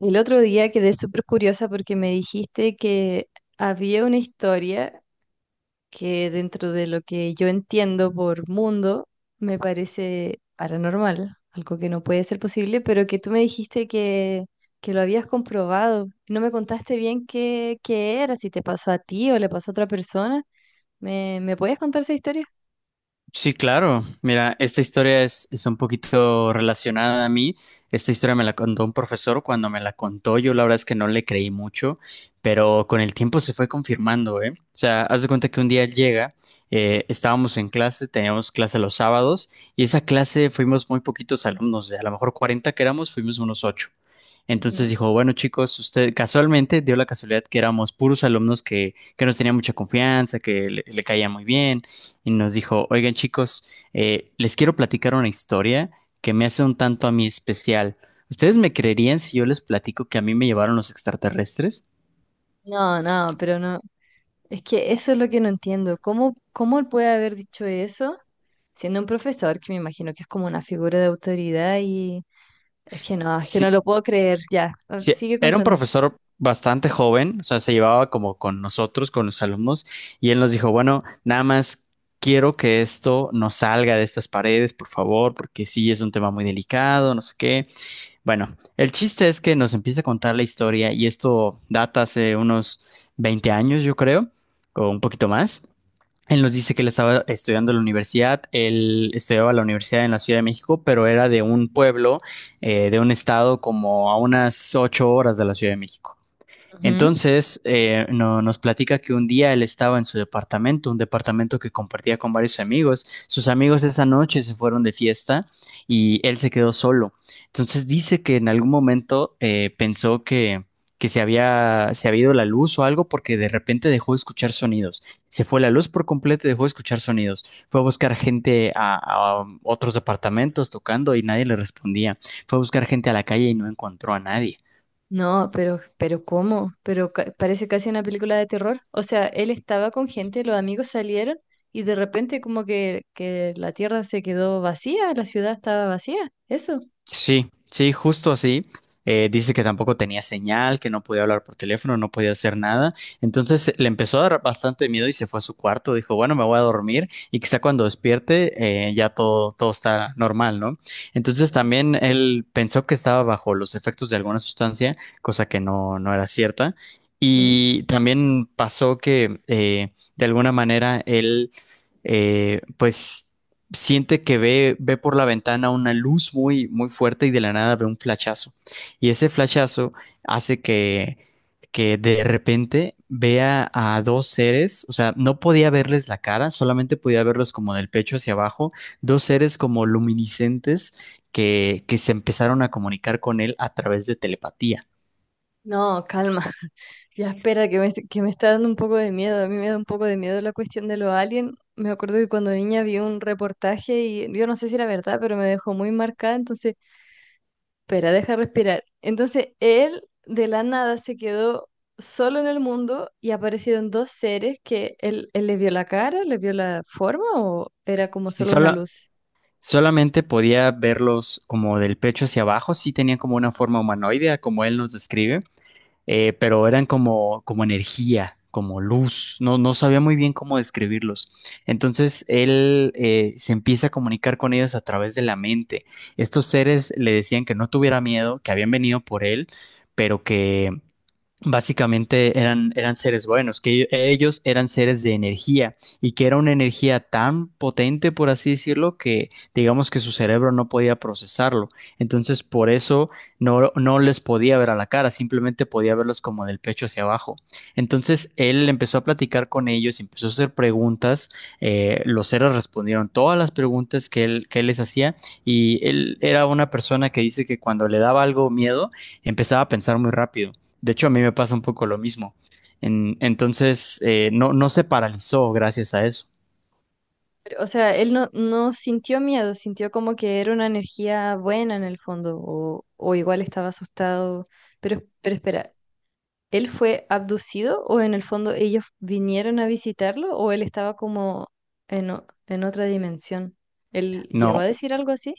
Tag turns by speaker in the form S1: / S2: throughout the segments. S1: El otro día quedé súper curiosa porque me dijiste que había una historia que dentro de lo que yo entiendo por mundo me parece paranormal, algo que no puede ser posible, pero que tú me dijiste que lo habías comprobado. No me contaste bien qué era, si te pasó a ti o le pasó a otra persona. Me puedes contar esa historia?
S2: Sí, claro. Mira, esta historia es un poquito relacionada a mí. Esta historia me la contó un profesor cuando me la contó. Yo la verdad es que no le creí mucho, pero con el tiempo se fue confirmando, ¿eh? O sea, haz de cuenta que un día llega, estábamos en clase, teníamos clase los sábados y esa clase fuimos muy poquitos alumnos, de a lo mejor 40 que éramos, fuimos unos 8. Entonces
S1: Ujú.
S2: dijo, bueno chicos, usted casualmente dio la casualidad que éramos puros alumnos que nos tenía mucha confianza, que le caía muy bien y nos dijo, oigan chicos, les quiero platicar una historia que me hace un tanto a mí especial. ¿Ustedes me creerían si yo les platico que a mí me llevaron los extraterrestres?
S1: No, pero no. Es que eso es lo que no entiendo. Cómo él puede haber dicho eso siendo un profesor que me imagino que es como una figura de autoridad y es que no
S2: Sí,
S1: lo puedo creer. Ya.
S2: sí,
S1: Sigue
S2: era un
S1: contando.
S2: profesor bastante joven, o sea, se llevaba como con nosotros, con los alumnos, y él nos dijo, bueno, nada más quiero que esto no salga de estas paredes, por favor, porque sí es un tema muy delicado, no sé qué. Bueno, el chiste es que nos empieza a contar la historia y esto data hace unos 20 años, yo creo, o un poquito más. Él nos dice que él estaba estudiando en la universidad, él estudiaba en la universidad en la Ciudad de México, pero era de un pueblo, de un estado como a unas 8 horas de la Ciudad de México.
S1: Ujú.
S2: Entonces, nos platica que un día él estaba en su departamento, un departamento que compartía con varios amigos. Sus amigos esa noche se fueron de fiesta y él se quedó solo. Entonces dice que en algún momento pensó que se había ido la luz o algo porque de repente dejó de escuchar sonidos. Se fue la luz por completo y dejó de escuchar sonidos. Fue a buscar gente a otros departamentos tocando y nadie le respondía. Fue a buscar gente a la calle y no encontró a nadie.
S1: No, pero ¿cómo? Parece casi una película de terror. O sea, él estaba con gente, los amigos salieron y de repente como que la tierra se quedó vacía, la ciudad estaba vacía. Eso.
S2: Sí, sí, justo así. Dice que tampoco tenía señal, que no podía hablar por teléfono, no podía hacer nada. Entonces le empezó a dar bastante miedo y se fue a su cuarto. Dijo, bueno, me voy a dormir y quizá cuando despierte ya todo está normal, ¿no? Entonces también él pensó que estaba bajo los efectos de alguna sustancia, cosa que no, no era cierta.
S1: Ujú.
S2: Y también pasó que de alguna manera él pues siente que ve por la ventana una luz muy, muy fuerte y de la nada ve un flachazo. Y ese flachazo hace que de repente vea a dos seres, o sea, no podía verles la cara, solamente podía verlos como del pecho hacia abajo, dos seres como luminiscentes que se empezaron a comunicar con él a través de telepatía.
S1: No, calma. Ya, espera, que me está dando un poco de miedo. A mí me da un poco de miedo la cuestión de los aliens. Me acuerdo que cuando niña vi un reportaje y yo no sé si era verdad, pero me dejó muy marcada. Entonces, espera, deja respirar. Entonces, él de la nada se quedó solo en el mundo y aparecieron dos seres que él le vio la cara, le vio la forma o era como
S2: Si
S1: solo una
S2: sola-
S1: luz.
S2: solamente podía verlos como del pecho hacia abajo, sí tenían como una forma humanoidea, como él nos describe pero eran como energía, como luz, no, no sabía muy bien cómo describirlos. Entonces él se empieza a comunicar con ellos a través de la mente. Estos seres le decían que no tuviera miedo, que habían venido por él, pero que básicamente eran seres buenos, que ellos eran seres de energía y que era una energía tan potente, por así decirlo, que digamos que su cerebro no podía procesarlo. Entonces, por eso no, no les podía ver a la cara, simplemente podía verlos como del pecho hacia abajo. Entonces, él empezó a platicar con ellos, empezó a hacer preguntas, los seres respondieron todas las preguntas que él les hacía y él era una persona que dice que cuando le daba algo miedo, empezaba a pensar muy rápido. De hecho, a mí me pasa un poco lo mismo. Entonces, no, no se paralizó gracias a eso.
S1: Pero, o sea, él no, no sintió miedo, sintió como que era una energía buena en el fondo o igual estaba asustado. Pero espera. ¿Él fue abducido o en el fondo ellos vinieron a visitarlo o él estaba como en otra dimensión? ¿Él llegó a
S2: No,
S1: decir algo así?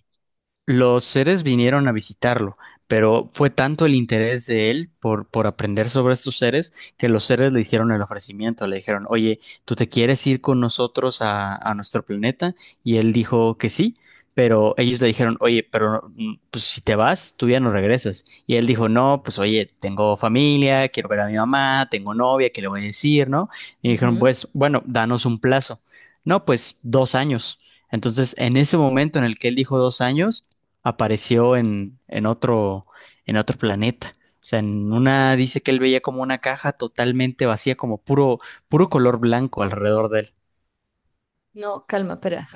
S2: los seres vinieron a visitarlo, pero fue tanto el interés de él por aprender sobre estos seres que los seres le hicieron el ofrecimiento, le dijeron, oye, ¿tú te quieres ir con nosotros a nuestro planeta? Y él dijo que sí, pero ellos le dijeron, oye, pero pues, si te vas, tú ya no regresas. Y él dijo, no, pues oye, tengo familia, quiero ver a mi mamá, tengo novia, ¿qué le voy a decir, no? Y dijeron,
S1: Ujú.
S2: pues bueno, danos un plazo. No, pues 2 años. Entonces, en ese momento en el que él dijo 2 años, apareció en otro planeta. O sea, en una dice que él veía como una caja totalmente vacía, como puro, puro color blanco alrededor de él.
S1: No, calma, espera.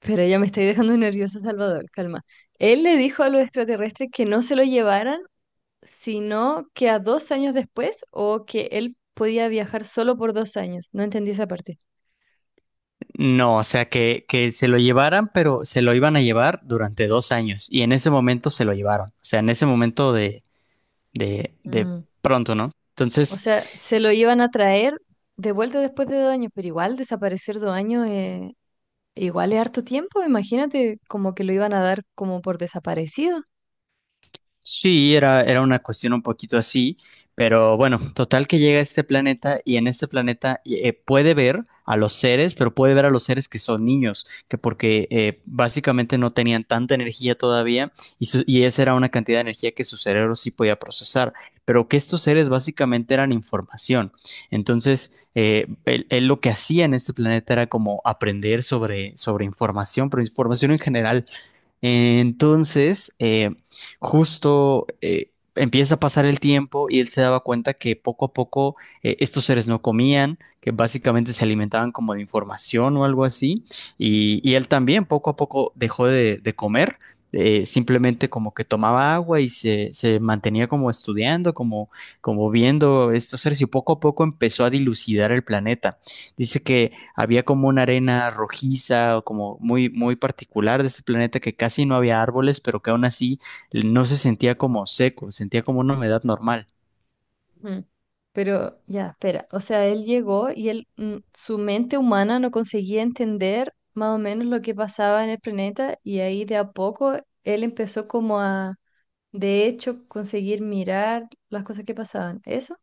S1: Pero ya me estoy dejando nervioso, Salvador, calma. Él le dijo a los extraterrestres que no se lo llevaran, sino que a 2 años después o que él podía viajar solo por 2 años. No entendí esa parte.
S2: No, o sea, que se lo llevaran, pero se lo iban a llevar durante 2 años. Y en ese momento se lo llevaron. O sea, en ese momento de
S1: Mm.
S2: pronto, ¿no?
S1: O
S2: Entonces,
S1: sea, se lo iban a traer de vuelta después de 2 años, pero igual desaparecer 2 años igual es harto tiempo, imagínate como que lo iban a dar como por desaparecido.
S2: sí, era una cuestión un poquito así, pero bueno, total que llega a este planeta y en este planeta puede ver a los seres, pero puede ver a los seres que son niños, que porque básicamente no tenían tanta energía todavía y esa era una cantidad de energía que su cerebro sí podía procesar, pero que estos seres básicamente eran información. Entonces, él lo que hacía en este planeta era como aprender sobre información, pero información en general. Entonces, justo empieza a pasar el tiempo y él se daba cuenta que poco a poco estos seres no comían, que básicamente se alimentaban como de información o algo así, y él también poco a poco dejó de comer. Simplemente como que tomaba agua y se mantenía como estudiando, como viendo estos seres y poco a poco empezó a dilucidar el planeta. Dice que había como una arena rojiza o como muy, muy particular de ese planeta que casi no había árboles, pero que aún así no se sentía como seco, sentía como una humedad normal.
S1: Ujú. Pero ya, espera, o sea, él llegó y su mente humana no conseguía entender más o menos lo que pasaba en el planeta y ahí de a poco él empezó como de hecho, conseguir mirar las cosas que pasaban. ¿Eso?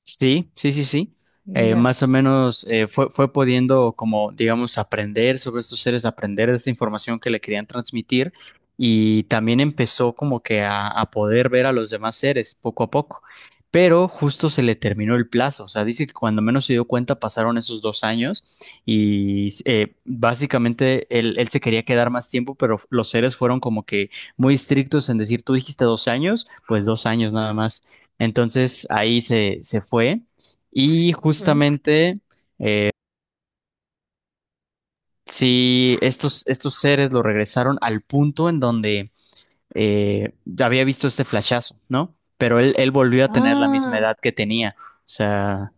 S2: Sí, sí, sí, sí. Eh,
S1: Ya.
S2: más o menos fue pudiendo como, digamos, aprender sobre estos seres, aprender de esa información que le querían transmitir y también empezó como que a poder ver a los demás seres poco a poco. Pero justo se le terminó el plazo, o sea, dice que cuando menos se dio cuenta pasaron esos 2 años y básicamente él se quería quedar más tiempo, pero los seres fueron como que muy estrictos en decir, tú dijiste 2 años, pues dos años nada más. Entonces ahí se fue y
S1: Ujú.
S2: justamente si estos seres lo regresaron al punto en donde eh, había visto este flashazo, ¿no? Pero él volvió a tener la misma
S1: Ah,
S2: edad que tenía. O sea,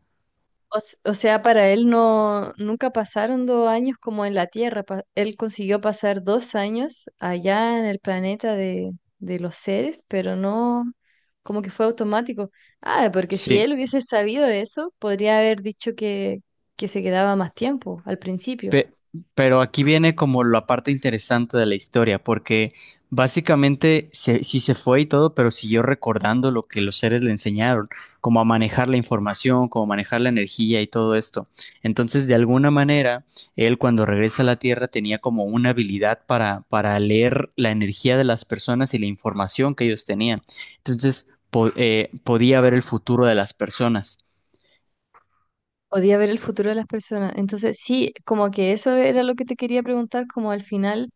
S1: o o sea, para él nunca pasaron 2 años como en la Tierra. Él consiguió pasar 2 años allá en el planeta de los seres, pero no, como que fue automático. Ah, porque si
S2: sí.
S1: él hubiese sabido eso, podría haber dicho que se quedaba más tiempo al principio.
S2: Pe- pero aquí viene como la parte interesante de la historia, porque básicamente sí se fue y todo, pero siguió recordando lo que los seres le enseñaron, como a manejar la información, como manejar la energía y todo esto. Entonces, de alguna manera, él cuando regresa a la Tierra tenía como una habilidad para leer la energía de las personas y la información que ellos tenían. Entonces, podía ver el futuro de las personas.
S1: Podía ver el futuro de las personas. Entonces, sí, como que eso era lo que te quería preguntar, como al final,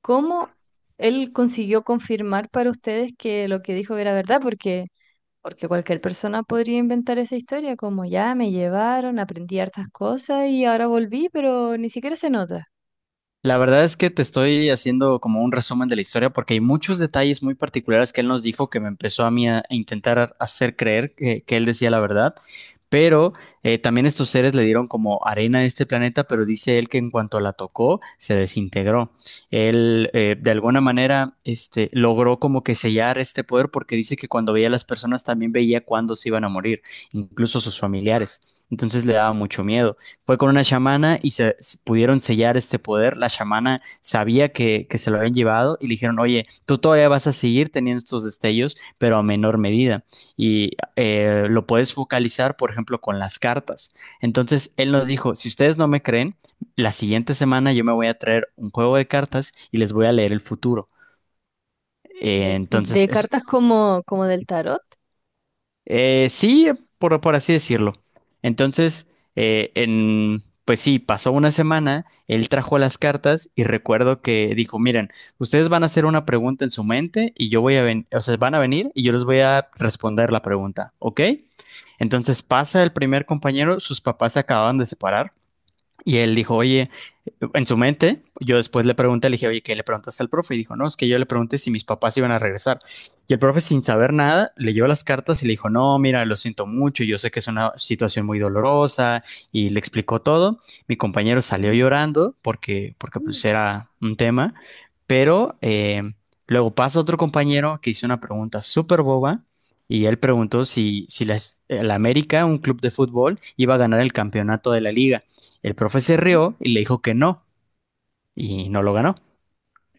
S1: ¿cómo él consiguió confirmar para ustedes que lo que dijo era verdad? Porque... Porque cualquier persona podría inventar esa historia como ya me llevaron, aprendí hartas cosas y ahora volví, pero ni siquiera se nota.
S2: La verdad es que te estoy haciendo como un resumen de la historia porque hay muchos detalles muy particulares que él nos dijo que me empezó a mí a intentar hacer creer que él decía la verdad, pero también estos seres le dieron como arena a este planeta, pero dice él que en cuanto la tocó se desintegró. Él de alguna manera logró como que sellar este poder porque dice que cuando veía a las personas también veía cuándo se iban a morir, incluso sus familiares. Entonces le daba mucho miedo. Fue con una chamana y pudieron sellar este poder. La chamana sabía que se lo habían llevado y le dijeron, oye, tú todavía vas a seguir teniendo estos destellos, pero a menor medida. Y lo puedes focalizar, por ejemplo, con las cartas. Entonces, él nos dijo, si ustedes no me creen, la siguiente semana yo me voy a traer un juego de cartas y les voy a leer el futuro. Eh, entonces,
S1: De
S2: es,
S1: cartas como, como del tarot.
S2: Sí, por así decirlo. Entonces, pues sí, pasó una semana, él trajo las cartas y recuerdo que dijo, miren, ustedes van a hacer una pregunta en su mente y yo voy a venir, o sea, van a venir y yo les voy a responder la pregunta, ¿ok? Entonces pasa el primer compañero, sus papás se acababan de separar y él dijo, oye, en su mente, yo después le pregunté, le dije, oye, ¿qué le preguntaste al profe? Y dijo, no, es que yo le pregunté si mis papás iban a regresar. Y el profe, sin saber nada, leyó las cartas y le dijo, no, mira, lo siento mucho, yo sé que es una situación muy dolorosa, y le explicó todo. Mi compañero salió
S1: Mm,
S2: llorando porque, porque
S1: mm,
S2: pues era un tema, pero luego pasa otro compañero que hizo una pregunta súper boba. Y él preguntó si la América, un club de fútbol, iba a ganar el campeonato de la liga. El profe se
S1: ujú.
S2: rió y le dijo que no, y no lo ganó.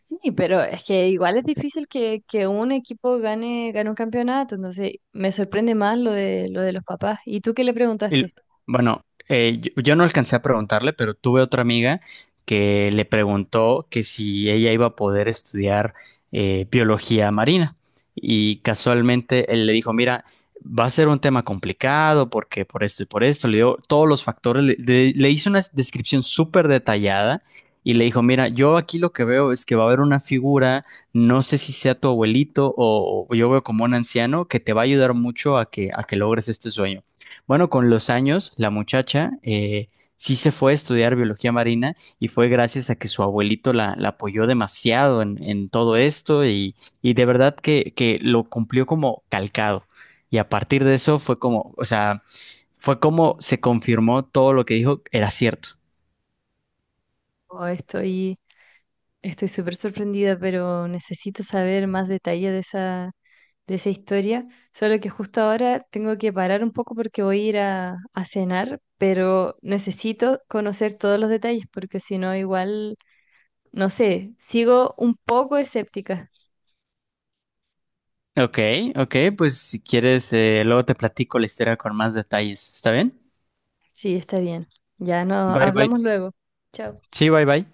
S1: Sí, pero es que igual es difícil que un equipo gane, gane un campeonato, entonces me sorprende más lo lo de los papás. ¿Y tú qué le
S2: El-
S1: preguntaste?
S2: bueno, yo no alcancé a preguntarle, pero tuve otra amiga que le preguntó que si ella iba a poder estudiar biología marina. Y casualmente él le dijo, mira, va a ser un tema complicado porque por esto y por esto, le dio todos los factores, le hizo una descripción súper detallada y le dijo, mira, yo aquí lo que veo es que va a haber una figura, no sé si sea tu abuelito o yo veo como un anciano que te va a ayudar mucho a que, logres este sueño. Bueno, con los años, la muchacha sí se fue a estudiar biología marina y fue gracias a que su abuelito la apoyó demasiado en todo esto y de verdad que lo cumplió como calcado. Y a partir de eso fue como, o sea, fue como se confirmó todo lo que dijo era cierto.
S1: Oh, estoy súper sorprendida, pero necesito saber más detalles de de esa historia, solo que justo ahora tengo que parar un poco porque voy a ir a cenar, pero necesito conocer todos los detalles porque si no igual, no sé, sigo un poco escéptica.
S2: Ok, ok, pues si quieres, luego te platico la historia con más detalles. ¿Está bien?
S1: Sí, está bien. Ya no,
S2: Bye, bye.
S1: hablamos luego. Chao.
S2: Sí, bye, bye.